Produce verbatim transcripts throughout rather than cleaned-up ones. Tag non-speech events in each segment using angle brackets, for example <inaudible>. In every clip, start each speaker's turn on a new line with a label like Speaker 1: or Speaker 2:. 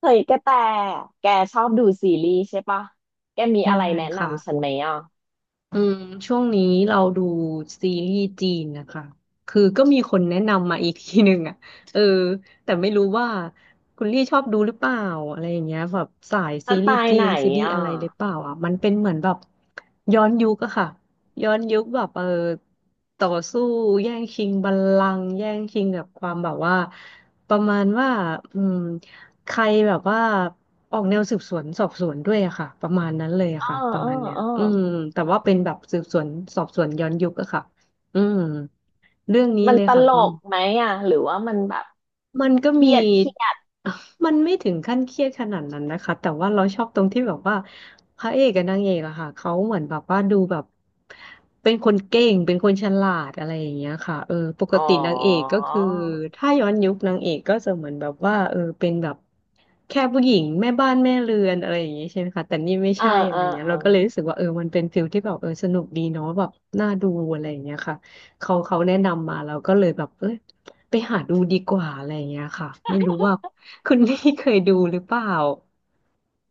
Speaker 1: เฮ้ยกระแตแกชอบดูซีรีส์ใช่ปะแกมี
Speaker 2: ใช่
Speaker 1: อะไรแนะ
Speaker 2: ค่ะ
Speaker 1: นำฉันไหมอ่ะ
Speaker 2: อืมช่วงนี้เราดูซีรีส์จีนนะคะคือก็มีคนแนะนำมาอีกทีหนึ่งอ่ะเออแต่ไม่รู้ว่าคุณลี่ชอบดูหรือเปล่าอะไรอย่างเงี้ยแบบสาย
Speaker 1: ส
Speaker 2: ซี
Speaker 1: ไต
Speaker 2: รีส์
Speaker 1: ล์
Speaker 2: จี
Speaker 1: ไหน
Speaker 2: นซีรีส์
Speaker 1: อ่ะ
Speaker 2: อะไรหรือเปล่าอ่ะมันเป็นเหมือนแบบย้อนยุคอะค่ะ ย้อนยุคแบบเออต่อสู้แย่งชิงบัลลังก์แย่งชิงกับความแบบว่าประมาณว่าอืม ใครแบบว่าออกแนวสืบสวนสอบสวนด้วยอะค่ะประมาณนั้นเลยอะ
Speaker 1: เออ
Speaker 2: ค่ะประ
Speaker 1: เออ
Speaker 2: มาณเนี้ย
Speaker 1: เออ
Speaker 2: อืมแต่ว่าเป็นแบบสืบสวนสอบสวนย้อนยุคอะค่ะอืมเรื่องนี้
Speaker 1: มัน
Speaker 2: เลย
Speaker 1: ต
Speaker 2: ค่ะ
Speaker 1: ล
Speaker 2: คุณ
Speaker 1: กไหมอ่ะหรือว่ามันแบบ
Speaker 2: มันก็
Speaker 1: เครี
Speaker 2: มี
Speaker 1: ยดเครียด
Speaker 2: <laughs> มันไม่ถึงขั้นเครียดขนาดนั้นนะคะแต่ว่าเราชอบตรงที่แบบว่าพระเอกกับนางเอกอะค่ะเขาเหมือนแบบว่าดูแบบเป็นคนเก่งเป็นคนฉลาดอะไรอย่างเงี้ยค่ะเออปก
Speaker 1: อ๋อ
Speaker 2: ตินางเอกก็คือถ้าย้อนยุคนางเอกก็จะเหมือนแบบว่าเออเป็นแบบแค่ผู้หญิงแม่บ้านแม่เรือนอะไรอย่างเงี้ยใช่ไหมคะแต่นี่ไม่
Speaker 1: เออ
Speaker 2: ใช่อะ
Speaker 1: เอ
Speaker 2: ไร
Speaker 1: อ
Speaker 2: เงี้ย
Speaker 1: เออ
Speaker 2: เราก็เลยรู้สึกว่าเออมันเป็นฟิลที่แบบเออสนุกดีเนาะแบบน่าดูอะไรอย่างเงี้ยค่ะเขาเขาแนะนำมาเราก็เลยแบบเออ ไปหาดูดีกว่าอะไรอย่างเงี้ยค่ะไม่รู้ว่าคุณนี่เคยดูหรือเปล่า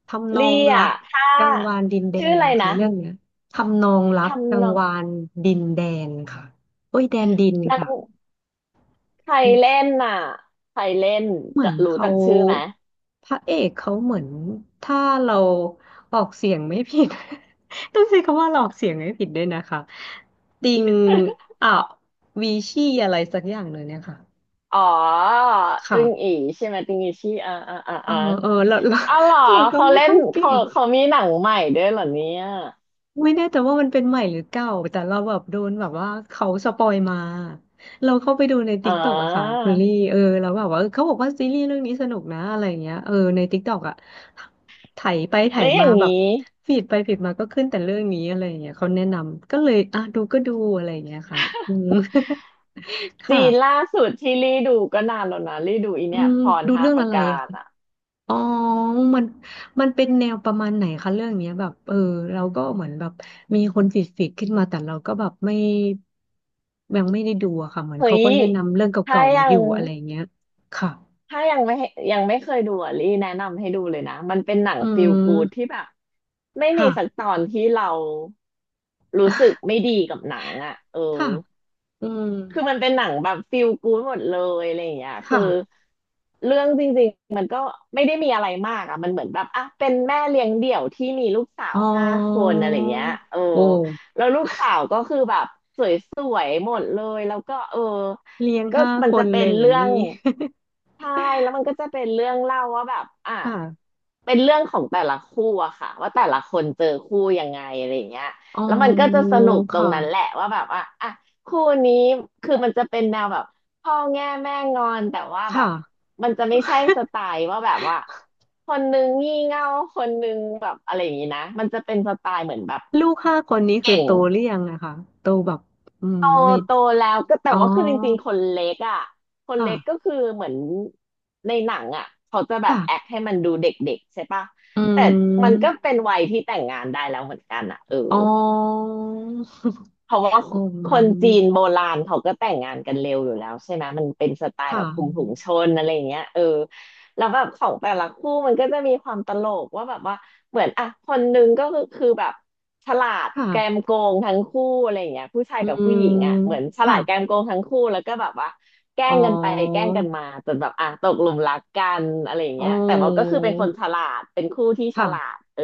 Speaker 2: ทำนอ
Speaker 1: ลี่
Speaker 2: งรั
Speaker 1: อ่ะ
Speaker 2: ก
Speaker 1: ถ้า
Speaker 2: กังวานดินแด
Speaker 1: ชื่อ
Speaker 2: น
Speaker 1: อะไร
Speaker 2: นะ
Speaker 1: นะ
Speaker 2: คะเรื่องเนี้ยทำนองรักกั
Speaker 1: ทำน
Speaker 2: ง
Speaker 1: อง
Speaker 2: วานดินแดนค่ะโอ้ยแดนดิน
Speaker 1: นาง
Speaker 2: ค่ะ
Speaker 1: ใคร
Speaker 2: เนี่ย
Speaker 1: เล่นน่ะใครเล่น
Speaker 2: เหมือ
Speaker 1: จะ
Speaker 2: น
Speaker 1: รู้
Speaker 2: เขา
Speaker 1: จักชื่อไหม
Speaker 2: พระเอกเขาเหมือนถ้าเราออกเสียงไม่ผิด <laughs> ต้องใช้คำว่าเราออกเสียงไม่ผิดด้วยนะคะติงอ่ะวีชี่อะไรสักอย่างเลยเนี่ยค่ะ
Speaker 1: อ๋อตึงอี
Speaker 2: ค่ะ
Speaker 1: ใช่ไหมตึงอีชี่อ่าอ่าอ
Speaker 2: เออ
Speaker 1: ่า
Speaker 2: เออเราเรา
Speaker 1: อ๋อเหรอ
Speaker 2: <laughs> เราก็
Speaker 1: เขา
Speaker 2: ไม่
Speaker 1: เล่
Speaker 2: ค่
Speaker 1: น
Speaker 2: อยเก่
Speaker 1: เขา
Speaker 2: ง
Speaker 1: เขามีหนังใหม่ด้วยเหรอเนี่ย
Speaker 2: ไม่แน่ใจว่ามันเป็นใหม่หรือเก่าแต่เราแบบโดนแบบว่าเขาสปอยมาเราเข้าไปดูใน t ิ
Speaker 1: อ๋อ
Speaker 2: k กต k อกอะค่ะคุณลี่เออเราแบบว่าเออเขาบอกว่าซีรีส์เรื่องนี้สนุกนะอะไรอย่างเงี้ยเออในติ๊กต็อกอะไถไปไถ
Speaker 1: แล้วอ
Speaker 2: มา
Speaker 1: ย่าง
Speaker 2: แบ
Speaker 1: นี้
Speaker 2: บฟีดไปฟีดมาก็ขึ้นแต่เรื่องนี้อะไรอย่างเงี้ยเขาแนะนำก็เลยอ่ะดูก็ดูอะไรอย่างเงี้ยค่ะอืม <laughs> ค่ะ
Speaker 1: จีนล่าสุดที่รีดูก็นานแล้วนะรีดูอี
Speaker 2: อื
Speaker 1: เนี่ย
Speaker 2: ม
Speaker 1: พร
Speaker 2: ดู
Speaker 1: ห้า
Speaker 2: เรื่อง
Speaker 1: ป
Speaker 2: อะ
Speaker 1: ระ
Speaker 2: ไร
Speaker 1: การอ่ะ
Speaker 2: อ๋อมันมันเป็นแนวประมาณไหนคะเรื่องเนี้ยแบบเออเราก็เหมือนแบบมีคนฟีดฟีดขึ้นมาแต่เราก็แบบไม่ยังไม่ได้ดูอะค่ะเหมือน
Speaker 1: เฮ้
Speaker 2: เขา
Speaker 1: ย
Speaker 2: ก็แนะนำเรื่องเก
Speaker 1: ถ้า
Speaker 2: ่าๆมา
Speaker 1: ยั
Speaker 2: อ
Speaker 1: ง
Speaker 2: ยู่อะไรเงี้ยค่ะ
Speaker 1: ถ้ายังไม่ยังไม่เคยดูอ่ะรีแนะนำให้ดูเลยนะมันเป็นหนัง
Speaker 2: อื
Speaker 1: ฟีลกูดที่
Speaker 2: ม
Speaker 1: แบบไม่มี
Speaker 2: ค่ะ
Speaker 1: สักตอนที่เรารู้สึกไม่
Speaker 2: <laughs>
Speaker 1: ดีกับหนังอ่ะเออ
Speaker 2: ค่ะอืม
Speaker 1: คือมันเป็นหนังแบบฟีลกู๊ดหมดเลยอะไรอย่างเงี้ยคื
Speaker 2: ค่ะ
Speaker 1: อเรื่องจริงๆมันก็ไม่ได้มีอะไรมากอ่ะมันเหมือนแบบอ่ะเป็นแม่เลี้ยงเดี่ยวที่มีลูกสา
Speaker 2: อ๋
Speaker 1: ว
Speaker 2: อ
Speaker 1: ห้าคนอะไรเงี้ยเออ
Speaker 2: โอ้
Speaker 1: แล้วลูกสาวก็คือแบบสวยๆหมดเลยแล้วก็เออ
Speaker 2: เลี้ยง
Speaker 1: ก็
Speaker 2: ห้า
Speaker 1: มัน
Speaker 2: ค
Speaker 1: จะ
Speaker 2: น
Speaker 1: เป็
Speaker 2: เล
Speaker 1: น
Speaker 2: ยเหรอ
Speaker 1: เรื่อง
Speaker 2: นี่
Speaker 1: ใช่แล้วมันก็จะเป็นเรื่องเล่าว่าแบบอ่ะ
Speaker 2: <laughs> ค่ะ
Speaker 1: เป็นเรื่องของแต่ละคู่อะค่ะว่าแต่ละคนเจอคู่ยังไงอะไรอย่างเงี้ย
Speaker 2: อ๋อ
Speaker 1: แล้วมันก็จะสนุก
Speaker 2: ค
Speaker 1: ตรงนั้นแหละ
Speaker 2: ่ะ
Speaker 1: ว่าแบบว่าอ่ะ คู่นี้คือมันจะเป็นแนวแบบพ่อแง่แม่งอนแต่ว่าแบ
Speaker 2: ค่ะ
Speaker 1: บมันจะไม่ใช่สไตล์ว่าแบบว่าคนนึงงี่เง่าคนนึงแบบอะไรอย่างนี้นะมันจะเป็นสไตล์เหมือนแบบ
Speaker 2: ลูกห้าคนนี้คือ
Speaker 1: เก่ง
Speaker 2: โตหรือยังอะคะโตแบบอืม
Speaker 1: โต
Speaker 2: ใน
Speaker 1: โตแล้วก็แต่
Speaker 2: อ๋
Speaker 1: ว่าคือจริง
Speaker 2: อ
Speaker 1: ๆคนเล็กอ่ะคนเล็กก็
Speaker 2: ค่ะ
Speaker 1: คือเหมือนในหนังอ่ะเขาจะแบบแอค
Speaker 2: ค่ะ
Speaker 1: ให้มันดูเด็กๆใช่ปะ
Speaker 2: อื
Speaker 1: แต่มันก็
Speaker 2: ม
Speaker 1: เป็นวัยที่แต่งงานได้แล้วเหมือนกันอ่ะเออ
Speaker 2: อ๋อ <laughs>
Speaker 1: เพราะว่า
Speaker 2: อ๋อ
Speaker 1: คนจีนโบราณเขาก็แต่งงานกันเร็วอยู่แล้วใช่ไหมมันเป็นสไตล์แบ
Speaker 2: ค่ะ
Speaker 1: บคุมถุงชนอะไรอย่างเงี้ยเออแล้วแบบของแต่ละคู่มันก็จะมีความตลกว่าแบบว่าเหมือนอ่ะคนหนึงก็คือคือแบบฉลาดแกม
Speaker 2: ค่ะ
Speaker 1: โกงทั้งคู่อะไรอย่างเงี้ยผู้ชาย
Speaker 2: อื
Speaker 1: กับผู้
Speaker 2: ม
Speaker 1: หญิงอ่ะเหมือนฉลา
Speaker 2: ค่ะ
Speaker 1: ดแกมโกงทั้งคู่แล้วก็แบบว่าแกล้
Speaker 2: อ๋อ
Speaker 1: งกันไปแกล้งกันมาจนแบบอ่ะตกหลุมรักกันอะไรอย่าง
Speaker 2: อ๋อ
Speaker 1: เงี้ยแต่ว่าก็คือเป็นคนฉลาดเป็นคู่ที่ฉ
Speaker 2: ค่ะ
Speaker 1: ลาดเออ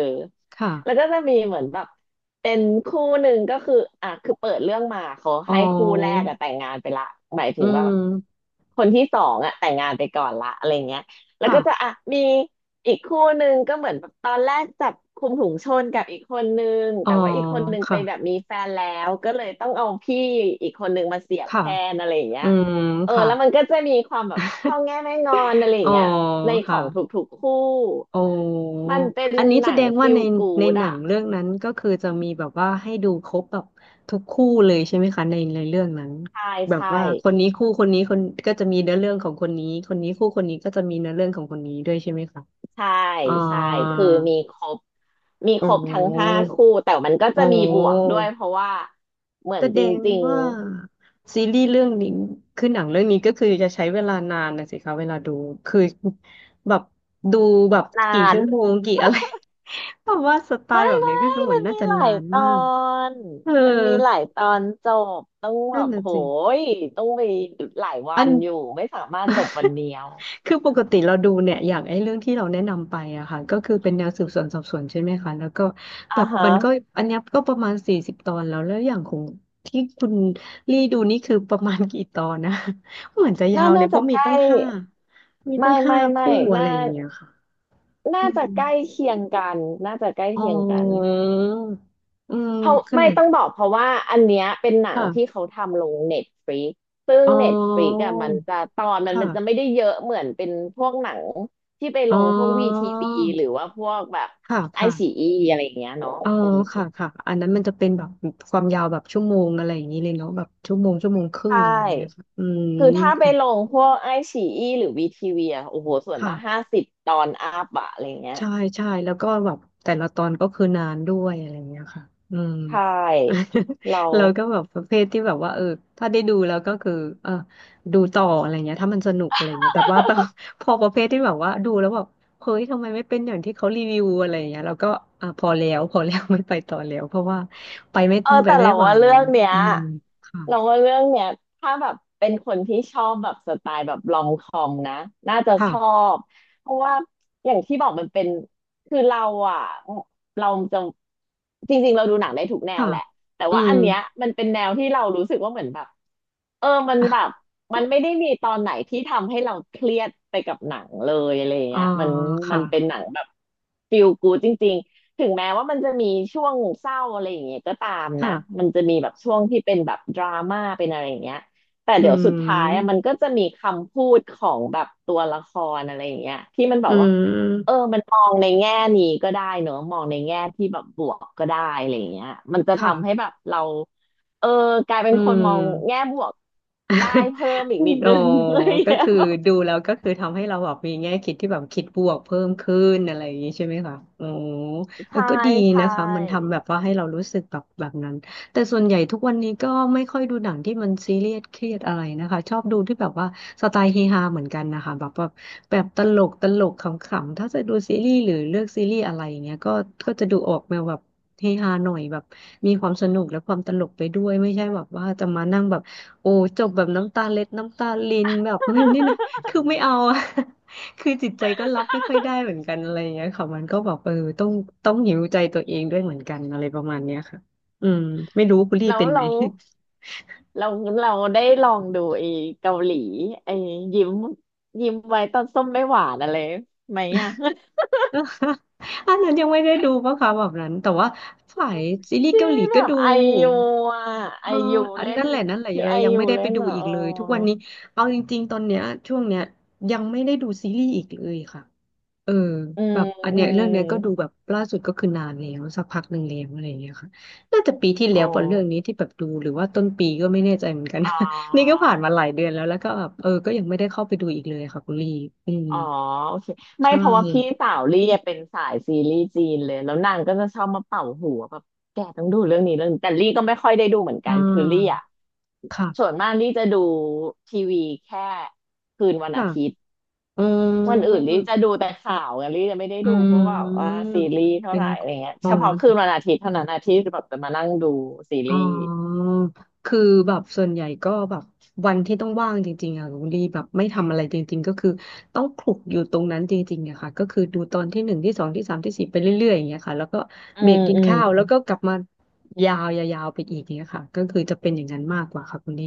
Speaker 2: ค่ะ
Speaker 1: แล้วก็จะมีเหมือนแบบเป็นคู่หนึ่งก็คืออ่ะคือเปิดเรื่องมาเขา
Speaker 2: อ๋อ
Speaker 1: ให้คู่แรกอะแต่งงานไปละหมายถึ
Speaker 2: อื
Speaker 1: งว่า
Speaker 2: ม
Speaker 1: คนที่สองอะแต่งงานไปก่อนละอะไรเงี้ยแล้ว
Speaker 2: ค่ะ
Speaker 1: ก็จะอ่ะมีอีกคู่หนึ่งก็เหมือนแบบตอนแรกจับคุมถุงชนกับอีกคนนึง
Speaker 2: อ๋อ
Speaker 1: แต่ว่าอีกคนนึงไป
Speaker 2: ค่ะ
Speaker 1: แบบมีแฟนแล้วก็เลยต้องเอาพี่อีกคนนึงมาเสียบ
Speaker 2: ค่ะ
Speaker 1: แทนอะไรอย่างเงี้
Speaker 2: อื
Speaker 1: ย
Speaker 2: ม
Speaker 1: เออ
Speaker 2: ค่ะ
Speaker 1: แล้วมันก็จะมีความแบบพ่อแง่แม่งอนอะไรอ
Speaker 2: อ๋
Speaker 1: ย่า
Speaker 2: อ
Speaker 1: งเงี้ยในข
Speaker 2: ค่ะ
Speaker 1: องทุกๆคู่
Speaker 2: โอ้
Speaker 1: มันเป็น
Speaker 2: อันนี้
Speaker 1: ห
Speaker 2: แส
Speaker 1: นั
Speaker 2: ด
Speaker 1: ง
Speaker 2: งว่า
Speaker 1: ฟีล
Speaker 2: ใน
Speaker 1: กู
Speaker 2: ใน
Speaker 1: ด
Speaker 2: หนั
Speaker 1: อ่ะ
Speaker 2: งเรื่องนั้นก็คือจะมีแบบว่าให้ดูครบแบบทุกคู่เลยใช่ไหมคะในในเรื่องนั้น
Speaker 1: ใช่
Speaker 2: แบบ
Speaker 1: ใช่
Speaker 2: ว่าคนนี้คู่คนนี้คนก็จะมีเนื้อเรื่องของคนนี้คนนี้คู่คนนี้ก็จะมีเนื้อเรื่องของคนนี้ด้วยใช่ไหมคะ
Speaker 1: ใช่
Speaker 2: อ๋อ
Speaker 1: ใช่คือมีครบมี
Speaker 2: อ๋
Speaker 1: ครบทั้งห้า
Speaker 2: อ
Speaker 1: คู่แต่มันก็
Speaker 2: อ๋
Speaker 1: จะ
Speaker 2: อ
Speaker 1: มีบวกด้วยเพราะว่าเหมือ
Speaker 2: แส
Speaker 1: นจ
Speaker 2: ดง
Speaker 1: ริง
Speaker 2: ว่าซีรีส์เรื่องนี้คือหนังเรื่องนี้ก็คือจะใช้เวลานานนะสิคะเวลาดูคือ <laughs> แบบดูแบบ
Speaker 1: ๆนา
Speaker 2: กี่
Speaker 1: น
Speaker 2: ชั่วโมงกี่อะไร <laughs> เพราะว่าสไต
Speaker 1: ไม่
Speaker 2: ล์แบบ
Speaker 1: ไม่
Speaker 2: นี้ก็คือเหมือ
Speaker 1: มั
Speaker 2: น
Speaker 1: น
Speaker 2: น่า
Speaker 1: มี
Speaker 2: จะ
Speaker 1: หลา
Speaker 2: นา
Speaker 1: ย
Speaker 2: น
Speaker 1: ตอ
Speaker 2: มาก
Speaker 1: น
Speaker 2: เออ
Speaker 1: มันมีหลายตอนจบต้องแบ
Speaker 2: นั่น
Speaker 1: บ
Speaker 2: น่ะ
Speaker 1: โห
Speaker 2: สิ
Speaker 1: ยต้องไปหลายวั
Speaker 2: อัน
Speaker 1: นอยู่ไม่สามารถจบวัน
Speaker 2: <laughs>
Speaker 1: เดียว
Speaker 2: คือปกติเราดูเนี่ยอย่างไอ้เรื่องที่เราแนะนำไปอะค่ะก็คือเป็นแนวสืบสวนสอบสวนใช่ไหมคะแล้วก็แบ
Speaker 1: อ่า
Speaker 2: บ
Speaker 1: ฮะ
Speaker 2: มันก็อันเนี้ยก็ประมาณสี่สิบตอนแล้วแล้วอย่างของที่คุณลี่ดูนี่คือประมาณกี่ตอนนะ <laughs> เหมือนจะยา
Speaker 1: น่า
Speaker 2: วเล
Speaker 1: น่า
Speaker 2: ยเพ
Speaker 1: จะ
Speaker 2: ราะ
Speaker 1: ใก
Speaker 2: มี
Speaker 1: ล้
Speaker 2: ตั้งห้ามี
Speaker 1: ไม่
Speaker 2: ตั้งห้า
Speaker 1: ไม่ไม่
Speaker 2: คู่อะ
Speaker 1: น่า
Speaker 2: ไรอย่างเงี้ยค่ะอื
Speaker 1: น่า
Speaker 2: ม
Speaker 1: จะใกล้เคียงกันน่าจะใกล้
Speaker 2: อ๋
Speaker 1: เคียงกัน
Speaker 2: ออืม
Speaker 1: เพราะ
Speaker 2: ข
Speaker 1: ไม่
Speaker 2: นาด
Speaker 1: ต้องบอกเพราะว่าอันเนี้ยเป็นหนังที่
Speaker 2: ค่ะ
Speaker 1: เขาทำลงเน็ตฟ i ิกซึ่ง
Speaker 2: อ๋
Speaker 1: เน็ตฟ i ิก
Speaker 2: อ
Speaker 1: อะมันจะตอนมันมันจะไม่
Speaker 2: ค่ะ
Speaker 1: ได้เยอะเหมือนเป็นพวกหนังที่ไป
Speaker 2: อ๋
Speaker 1: ล
Speaker 2: อ
Speaker 1: งพวกวีทีวีหรือว่าพวกแบบ
Speaker 2: ค่ะ
Speaker 1: ไอซี
Speaker 2: ค่ะ
Speaker 1: อีอะไรอย่างเงี้ยเนาะ
Speaker 2: เออ
Speaker 1: อืม
Speaker 2: ค่ะค่ะอันนั้นมันจะเป็นแบบความยาวแบบชั่วโมงอะไรอย่างนี้เลยเนาะแบบชั่วโมงชั่วโมงค
Speaker 1: ใช
Speaker 2: รึ่งอะไรอย่างเงี้ยค่ะ
Speaker 1: ่
Speaker 2: อืม
Speaker 1: คือถ้าไป
Speaker 2: ค่ะ
Speaker 1: ลงพวกไอซีอีหรือวีทีวีอะโอ้โหส่วน
Speaker 2: ค่ะ
Speaker 1: มากห้าสิบตอนอัพอะอะไรเงี้ย
Speaker 2: ใช่ใช่แล้วก็แบบแต่ละตอนก็คือนานด้วยอะไรอย่างเงี้ยค่ะอืม
Speaker 1: ใช่เรา
Speaker 2: <laughs> เราก็แบบประเภทที่แบบว่าเออถ้าได้ดูแล้วก็คือเออดูต่ออะไรเงี้ยถ้ามันสนุกอะไรเงี้ยแต่ว่าพอ <laughs> พอประเภทที่แบบว่าดูแล้วแบบเฮ้ยทำไมไม่เป็นอย่างที่เขารีวิวอะไรเงี้ยเราก็อ่ะพอแล้วพอแล้ว <laughs> ไม่ไปต่อแล้วเพราะว่าไปไม่
Speaker 1: เออ
Speaker 2: ไป
Speaker 1: แต่
Speaker 2: ไม่
Speaker 1: เรา
Speaker 2: ไหว
Speaker 1: ว่าเรื่องเนี้ย
Speaker 2: อืมค่ะ
Speaker 1: เราว่าเรื่องเนี้ยถ้าแบบเป็นคนที่ชอบแบบสไตล์แบบลองคอมนะน่าจะชอ
Speaker 2: ค่ะ
Speaker 1: บเพราะว่าอย่างที่บอกมันเป็นคือเราอ่ะเราจะจริงๆเราดูหนังได้ทุกแนว
Speaker 2: ค่ะ
Speaker 1: แหละแต่
Speaker 2: อื
Speaker 1: ว่า
Speaker 2: ม
Speaker 1: อันเนี้ยมันเป็นแนวที่เรารู้สึกว่าเหมือนแบบเออมัน
Speaker 2: อ่ะ
Speaker 1: แบบมันไม่ได้มีตอนไหนที่ทำให้เราเครียดไปกับหนังเลยอะไรอย่าง
Speaker 2: อ๋อ
Speaker 1: เงี้ยมันมั
Speaker 2: ค่ะ
Speaker 1: นเป็นหนังแบบ ฟีลกู๊ด จริง ถึงแม้ว่ามันจะมีช่วงเศร้าอะไรอย่างเงี้ยก็ตามนะมั
Speaker 2: ค่ะ
Speaker 1: นจะมีแบบช่วงที่เป็นแบบดราม่าเป็นอะไรอย่างเงี้ยแต่
Speaker 2: อื
Speaker 1: เดี๋ยวสุดท้ายอะมั
Speaker 2: ม
Speaker 1: นก็จะมีคำพูดของแบบตัวละครอะไรอย่างเงี้ยที่มันแบ
Speaker 2: อื
Speaker 1: บว่าเออ
Speaker 2: ม
Speaker 1: มันมองในแง่นี้ก็ได้เนอะมองในแง่ที่แบบบวกก็ได้อะไรอย่างเงี้ยมันจะ
Speaker 2: ค่ะ
Speaker 1: ทำให้แบบเราเออกลายเป็
Speaker 2: อื
Speaker 1: นคนมองแง่
Speaker 2: ม
Speaker 1: บวกได้เพิ่มอีกนิด
Speaker 2: โอ้
Speaker 1: นึง <laughs> อะไรอย่าง
Speaker 2: ก็
Speaker 1: เงี้ย
Speaker 2: คือ
Speaker 1: แบบ
Speaker 2: ดูแล้วก็คือทำให้เราแบบมีแง่คิดที่แบบคิดบวกเพิ่มขึ้นอะไรอย่างนี้ใช่ไหมคะโอ้เออ
Speaker 1: ใช่
Speaker 2: ก็ดี
Speaker 1: ใช
Speaker 2: นะคะมันทำ
Speaker 1: ่
Speaker 2: แบบว่าให้เรารู้สึกแบบแบบนั้นแต่ส่วนใหญ่ทุกวันนี้ก็ไม่ค่อยดูหนังที่มันซีเรียสเครียดอะไรนะคะชอบดูที่แบบว่าสไตล์เฮฮาเหมือนกันนะคะแบบแบบแบบตลกตลกขำๆถ้าจะดูซีรีส์หรือเลือกซีรีส์อะไรอย่างเงี้ยก็ก็จะดูออกแนวแบบเฮฮาหน่อยแบบมีความสนุกและความตลกไปด้วยไม่ใช่แบบว่าจะมานั่งแบบ โอ้จบแบบน้ำตาเล็ดน้ำตาลินแบบไม่นี่นะ <laughs> คือไม่เอาอะ <laughs> คือจิตใจก็รับไม่ค่อยได้เหมือนกันอะไรอย่างเงี้ยค่ะมันก็แบบเออต้องต้องหิวใจตัวเองด้วยเหมือนกันอะไรประมาณเนี้ยค่ะอืมไม่รู้คุณลี่
Speaker 1: แล้ว
Speaker 2: เป็นไหม
Speaker 1: แล้ว เราเราได้ลองดูไอ้เกาหลีไอ้ยิ้มยิ้มไว้ตอนส้มไม่หวานอะไรไหมอ่ะ <laughs>
Speaker 2: <laughs> อันนั้นยังไม่ได้ดูปะคะแบบนั้นแต่ว่าฝ่ายซีรีส์
Speaker 1: ที่
Speaker 2: เกาหลี
Speaker 1: แบ
Speaker 2: ก็
Speaker 1: บ
Speaker 2: ดู
Speaker 1: ไอยูอ่ะ
Speaker 2: เอ
Speaker 1: ไอ
Speaker 2: อ
Speaker 1: ยู
Speaker 2: อัน
Speaker 1: เล่น
Speaker 2: นั่นแหละนั่นแหละ
Speaker 1: ที่
Speaker 2: เรา
Speaker 1: ไอ
Speaker 2: ยัง
Speaker 1: ยู
Speaker 2: ไม่ได้
Speaker 1: เล่
Speaker 2: ไป
Speaker 1: น
Speaker 2: ดู
Speaker 1: อ่ะ
Speaker 2: อี
Speaker 1: เอ
Speaker 2: ก
Speaker 1: อ
Speaker 2: เลยทุกวันนี้เอาจริงๆตอนเนี้ยช่วงเนี้ยยังไม่ได้ดูซีรีส์อีกเลยค่ะ เออ
Speaker 1: อื
Speaker 2: แบ
Speaker 1: ม
Speaker 2: บอัน
Speaker 1: อื
Speaker 2: เนี้ยเรื่
Speaker 1: ม
Speaker 2: องเนี้ยก็ดูแบบล่าสุดก็คือนานแล้วสักพักหนึ่งแล้วอะไรอย่างเงี้ยค่ะน่าจะปีที่
Speaker 1: อ๋อ
Speaker 2: แล้วป่ะเรื่องนี้ที่แบบดูหรือว่าต้นปีก็ไม่แน่ใจเหมือนกัน
Speaker 1: อ๋อ
Speaker 2: <laughs> นี่ก็ผ่านมาหลายเดือนแล้วแล้วก็แบบเออก็ยังไม่ได้เข้าไปดูอีกเลยค่ะคุณลี่อืม
Speaker 1: อ๋อโอเคไม่
Speaker 2: ใช่
Speaker 1: เพราะว่าพี่สาวลี่อะเป็นสายซีรีส์จีนเลยแล้วนางก็จะชอบมาเป่าหัวแบบแกต้องดูเรื่องนี้เรื่องนี้แต่ลี่ก็ไม่ค่อยได้ดูเหมือน
Speaker 2: อ่
Speaker 1: กันคือลี่
Speaker 2: า
Speaker 1: อ่ะส่วน
Speaker 2: ค่ะ
Speaker 1: มากลี่จะดูทีวีแค่คืนวันอา
Speaker 2: ค่ะ
Speaker 1: ทิตย์
Speaker 2: อื
Speaker 1: วันอื่นลี่
Speaker 2: ม
Speaker 1: จะดูแต่ข่าวไงลี่จะไม่ได้
Speaker 2: อื
Speaker 1: ดูเพราะว่าว่า
Speaker 2: ม
Speaker 1: ซีรีส์เท่า
Speaker 2: เป็
Speaker 1: ไห
Speaker 2: น
Speaker 1: ร่อะไรเงี้ย
Speaker 2: อ๋อ
Speaker 1: เฉพาะคืนวันอาทิตย์เท่านั้นอาทิตย์แบบจะมานั่งดูซี
Speaker 2: อ๋
Speaker 1: รี
Speaker 2: อ
Speaker 1: ส์
Speaker 2: คือแบบส่วนใหญ่ก็แบบวันที่ต้องว่างจริงๆอะคุณดีแบบไม่ทำอะไรจริงๆก็คือต้องคลุกอยู่ตรงนั้นจริงๆอะค่ะก็คือดูตอนที่หนึ่งที่สองที่สามที่สี่ไปเรื่อยๆอย่างเงี้ยค่ะแล้วก็
Speaker 1: อื
Speaker 2: เบรก
Speaker 1: ม
Speaker 2: กิน
Speaker 1: อืม
Speaker 2: ข้าวแล้วก็กลับมายาวยาวๆไปอีกอย่างเงี้ยค่ะก็คือจะเป็นอย่างนั้นมากกว่าค่ะคุณดี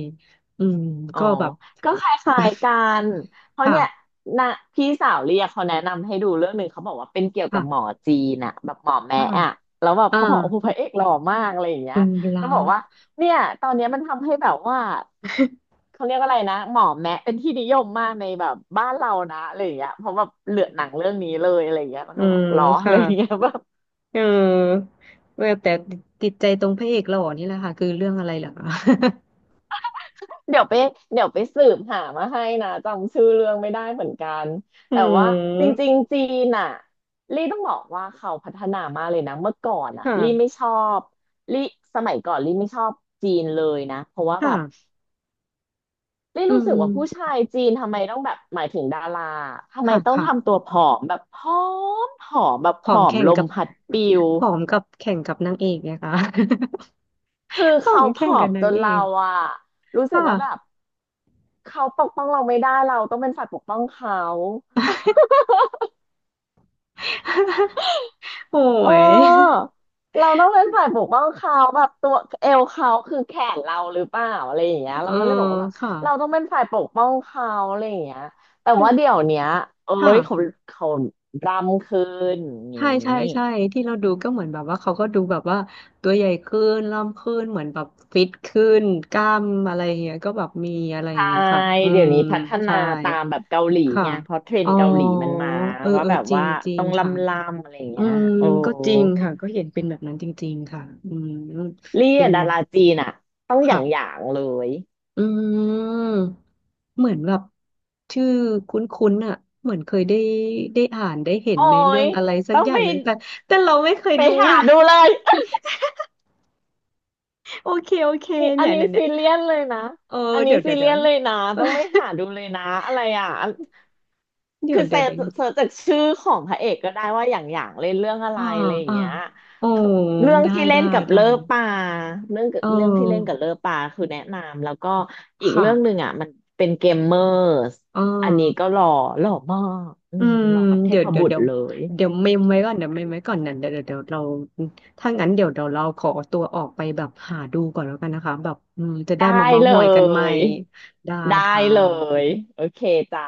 Speaker 2: อืม
Speaker 1: อ๋อ
Speaker 2: ก็แบบ
Speaker 1: ก็คล้ายๆกั
Speaker 2: <laughs>
Speaker 1: นเพราะเนี่ย
Speaker 2: ค่ะ
Speaker 1: นะพี่สาวเรียกเขาแนะนำให้ดูเรื่องหนึ่งเขาบอกว่าเป็นเกี่ยวกั
Speaker 2: ค่ะ
Speaker 1: บหมอจีนอะแบบหมอแม้
Speaker 2: อ่า
Speaker 1: อะแล้วแบบ
Speaker 2: อ่า
Speaker 1: เขาบอกโอ้โหพระเอกหล่อมากอะไรอย่างเงี้
Speaker 2: คุ
Speaker 1: ย
Speaker 2: ณเวลา
Speaker 1: แล้วบอกว่าเนี่ยตอนเนี้ยมันทำให้แบบว่าเขาเรียกอะไรนะหมอแม้เป็นที่นิยมมากในแบบบ้านเรานะอะไรอย่างเงี้ยเพราะแบบเหลือหนังเรื่องนี้เลยอะไรอย่างเงี้ยแล้
Speaker 2: <laughs>
Speaker 1: ว
Speaker 2: อื
Speaker 1: ก็บอก
Speaker 2: ม
Speaker 1: หรออะไรอย่างเงี้ย
Speaker 2: ค่ะ
Speaker 1: <laughs> แบบ
Speaker 2: เออแต่ติดใจตรงพระเอกหล่อนี่แหละค่ะคือเรื่องอะไรเหรอคะ
Speaker 1: เดี๋ยวไปเดี๋ยวไปสืบหามาให้นะจำชื่อเรื่องไม่ได้เหมือนกัน
Speaker 2: อื
Speaker 1: แต่ว่าจ
Speaker 2: ม
Speaker 1: ริงๆจีนอ่ะลี่ต้องบอกว่าเขาพัฒนามากเลยนะเมื่อก่อนอ่ะ
Speaker 2: ค่ะ
Speaker 1: ลี่ไม่ชอบลี่สมัยก่อนลี่ไม่ชอบจีนเลยนะเพราะว่าแบบ
Speaker 2: ค่ะ
Speaker 1: ลี่
Speaker 2: อื
Speaker 1: รู้สึกว่าผู้
Speaker 2: ม
Speaker 1: ชายจีนทำไมต้องแบบหมายถึงดาราทำไม
Speaker 2: ค่ะ
Speaker 1: ต้องทำ
Speaker 2: ค่ะ
Speaker 1: ตัวผอมแบบผอมผอมแบบ
Speaker 2: ผ
Speaker 1: ผ
Speaker 2: อ
Speaker 1: อ
Speaker 2: ม
Speaker 1: ม
Speaker 2: แข่ง
Speaker 1: ลม
Speaker 2: กับ
Speaker 1: พัดปิว
Speaker 2: ผอมกับแข่งกับนางเอกเนี่ยค่ะ
Speaker 1: คือ
Speaker 2: <laughs> ผอ
Speaker 1: เขา
Speaker 2: ม
Speaker 1: ผ
Speaker 2: แข่ง
Speaker 1: อ
Speaker 2: กับ
Speaker 1: ม
Speaker 2: นา
Speaker 1: จ
Speaker 2: ง
Speaker 1: น
Speaker 2: เอ
Speaker 1: เรา
Speaker 2: ก
Speaker 1: อะรู้สึก
Speaker 2: ค่ะ
Speaker 1: ว่าแบบเขาปกป้องเราไม่ได้เราต้องเป็นฝ่ายปกป้องเขา
Speaker 2: <laughs> โอ้
Speaker 1: เอ
Speaker 2: ย
Speaker 1: อเราต้องเป็นฝ่ายปกป้องเขาแบบตัวเอวเขาคือแขนเราหรือเปล่าอะไรอย่างเงี้ย
Speaker 2: เอ
Speaker 1: เรา
Speaker 2: อ
Speaker 1: ก็เลยบอกว่าแบบ
Speaker 2: ค่ะ
Speaker 1: เราต้องเป็นฝ่ายปกป้องเขาอะไรอย่างเงี้ยแต่ว่าเดี๋
Speaker 2: แต่
Speaker 1: ยวเนี้ยเอ้
Speaker 2: ค่ะ
Speaker 1: ยเขาเขารำคืนอย่างนี้
Speaker 2: ใช่ใช่ใช่ที่เราดูก็เหมือนแบบว่าเขาก็ดูแบบว่าตัวใหญ่ขึ้นล่ำขึ้นเหมือนแบบฟิตขึ้นกล้ามอะไรอย่างเงี้ยก็แบบมีอะไรอย่า
Speaker 1: ใช่
Speaker 2: งเงี้ยค่ะอื
Speaker 1: เดี๋
Speaker 2: ม
Speaker 1: ยวนี้พัฒนา
Speaker 2: ใช่
Speaker 1: ตามแบบเกาหลี
Speaker 2: ค่ะ
Speaker 1: ไงเพราะเทรน
Speaker 2: อ๋อ
Speaker 1: ด์เกาหลีมันมา
Speaker 2: เออ
Speaker 1: ว่า
Speaker 2: เออ
Speaker 1: แบบ
Speaker 2: จริ
Speaker 1: ว่า
Speaker 2: งจริง
Speaker 1: ต้อง
Speaker 2: ค่ะ
Speaker 1: ลำลำอะไรอย่าง
Speaker 2: อื
Speaker 1: เงี้ย
Speaker 2: ม
Speaker 1: โอ้
Speaker 2: ก็จริงค่ะก็เห็นเป็นแบบนั้นจริงๆค่ะอืม
Speaker 1: เรีย
Speaker 2: เป็น
Speaker 1: ดา
Speaker 2: แบบ
Speaker 1: ราจีนอ่ะต้องอ
Speaker 2: ค่ะ
Speaker 1: ย่างอย่างเลย
Speaker 2: อืมเหมือนแบบชื่อคุ้นๆอ่ะเหมือนเคยได้ได้อ่านได้เห็น
Speaker 1: โอ้
Speaker 2: ในเรื่อ
Speaker 1: ย
Speaker 2: งอะไรสัก
Speaker 1: ต้อง
Speaker 2: อย่า
Speaker 1: ไป
Speaker 2: งหนึ่งแต่แต่เราไม่เคย
Speaker 1: ไป
Speaker 2: ดู
Speaker 1: หาดูเลย
Speaker 2: <laughs> โอเคโอเค
Speaker 1: นี่อั
Speaker 2: เนี่
Speaker 1: น
Speaker 2: ย
Speaker 1: นี้
Speaker 2: เนี่ยเนี่
Speaker 1: ซี
Speaker 2: ย
Speaker 1: เรียสเลยนะ
Speaker 2: เออ
Speaker 1: อันนี้
Speaker 2: เดี๋ยว
Speaker 1: ซี
Speaker 2: เดี๋ยว
Speaker 1: เรี
Speaker 2: เดี๋ย
Speaker 1: ย
Speaker 2: ว
Speaker 1: สเลยนะต้อง
Speaker 2: <laughs>
Speaker 1: ไปหาดูเลยนะอะไรอ่ะอัน
Speaker 2: เดี๋ย
Speaker 1: คื
Speaker 2: ว
Speaker 1: อ
Speaker 2: เดี๋
Speaker 1: เสิ
Speaker 2: ยว
Speaker 1: ร์ช
Speaker 2: เดี๋ยว
Speaker 1: เสิร์ชจากชื่อของพระเอกก็ได้ว่าอย่างอย่างเล่นเรื่องอะไร
Speaker 2: อ่า
Speaker 1: อะไรอย่าง
Speaker 2: อ่า
Speaker 1: เงี้ย
Speaker 2: โอ้
Speaker 1: เรื่อง
Speaker 2: ได้
Speaker 1: ที่เล่
Speaker 2: ได้
Speaker 1: นกับเล
Speaker 2: ได้
Speaker 1: อปาเรื่อง
Speaker 2: เ
Speaker 1: เรื่องที่เล่น
Speaker 2: ออ
Speaker 1: กับเลอปาคือแนะนำแล้วก็อีก
Speaker 2: ค่ะ
Speaker 1: เรื่องหนึ่งอ่ะมันเป็นเกมเมอร์ส
Speaker 2: อ่
Speaker 1: อันนี้ก็
Speaker 2: า
Speaker 1: หล่อหล่อมากอื
Speaker 2: อื
Speaker 1: ม
Speaker 2: ม
Speaker 1: เหมาะกับเท
Speaker 2: เดี๋ยว
Speaker 1: พ
Speaker 2: เดี๋ย
Speaker 1: บุ
Speaker 2: ว
Speaker 1: ต
Speaker 2: เดี๋
Speaker 1: ร
Speaker 2: ยว
Speaker 1: เลย
Speaker 2: เดี๋ยวเมมไว้ก่อนเดี๋ยวเมมไว้ก่อนนะเดี๋ยวเดี๋ยวเดี๋ยวเราถ้างั้นเดี๋ยวเดี๋ยวเราขอตัวออกไปแบบหาดูก่อนแล้วกันนะคะแบบอืมจะได้
Speaker 1: ได้
Speaker 2: มาเม้าท์
Speaker 1: เล
Speaker 2: มอยกันใหม่
Speaker 1: ย
Speaker 2: ได้
Speaker 1: ได้
Speaker 2: ค่ะ
Speaker 1: เลยโอเคจ้า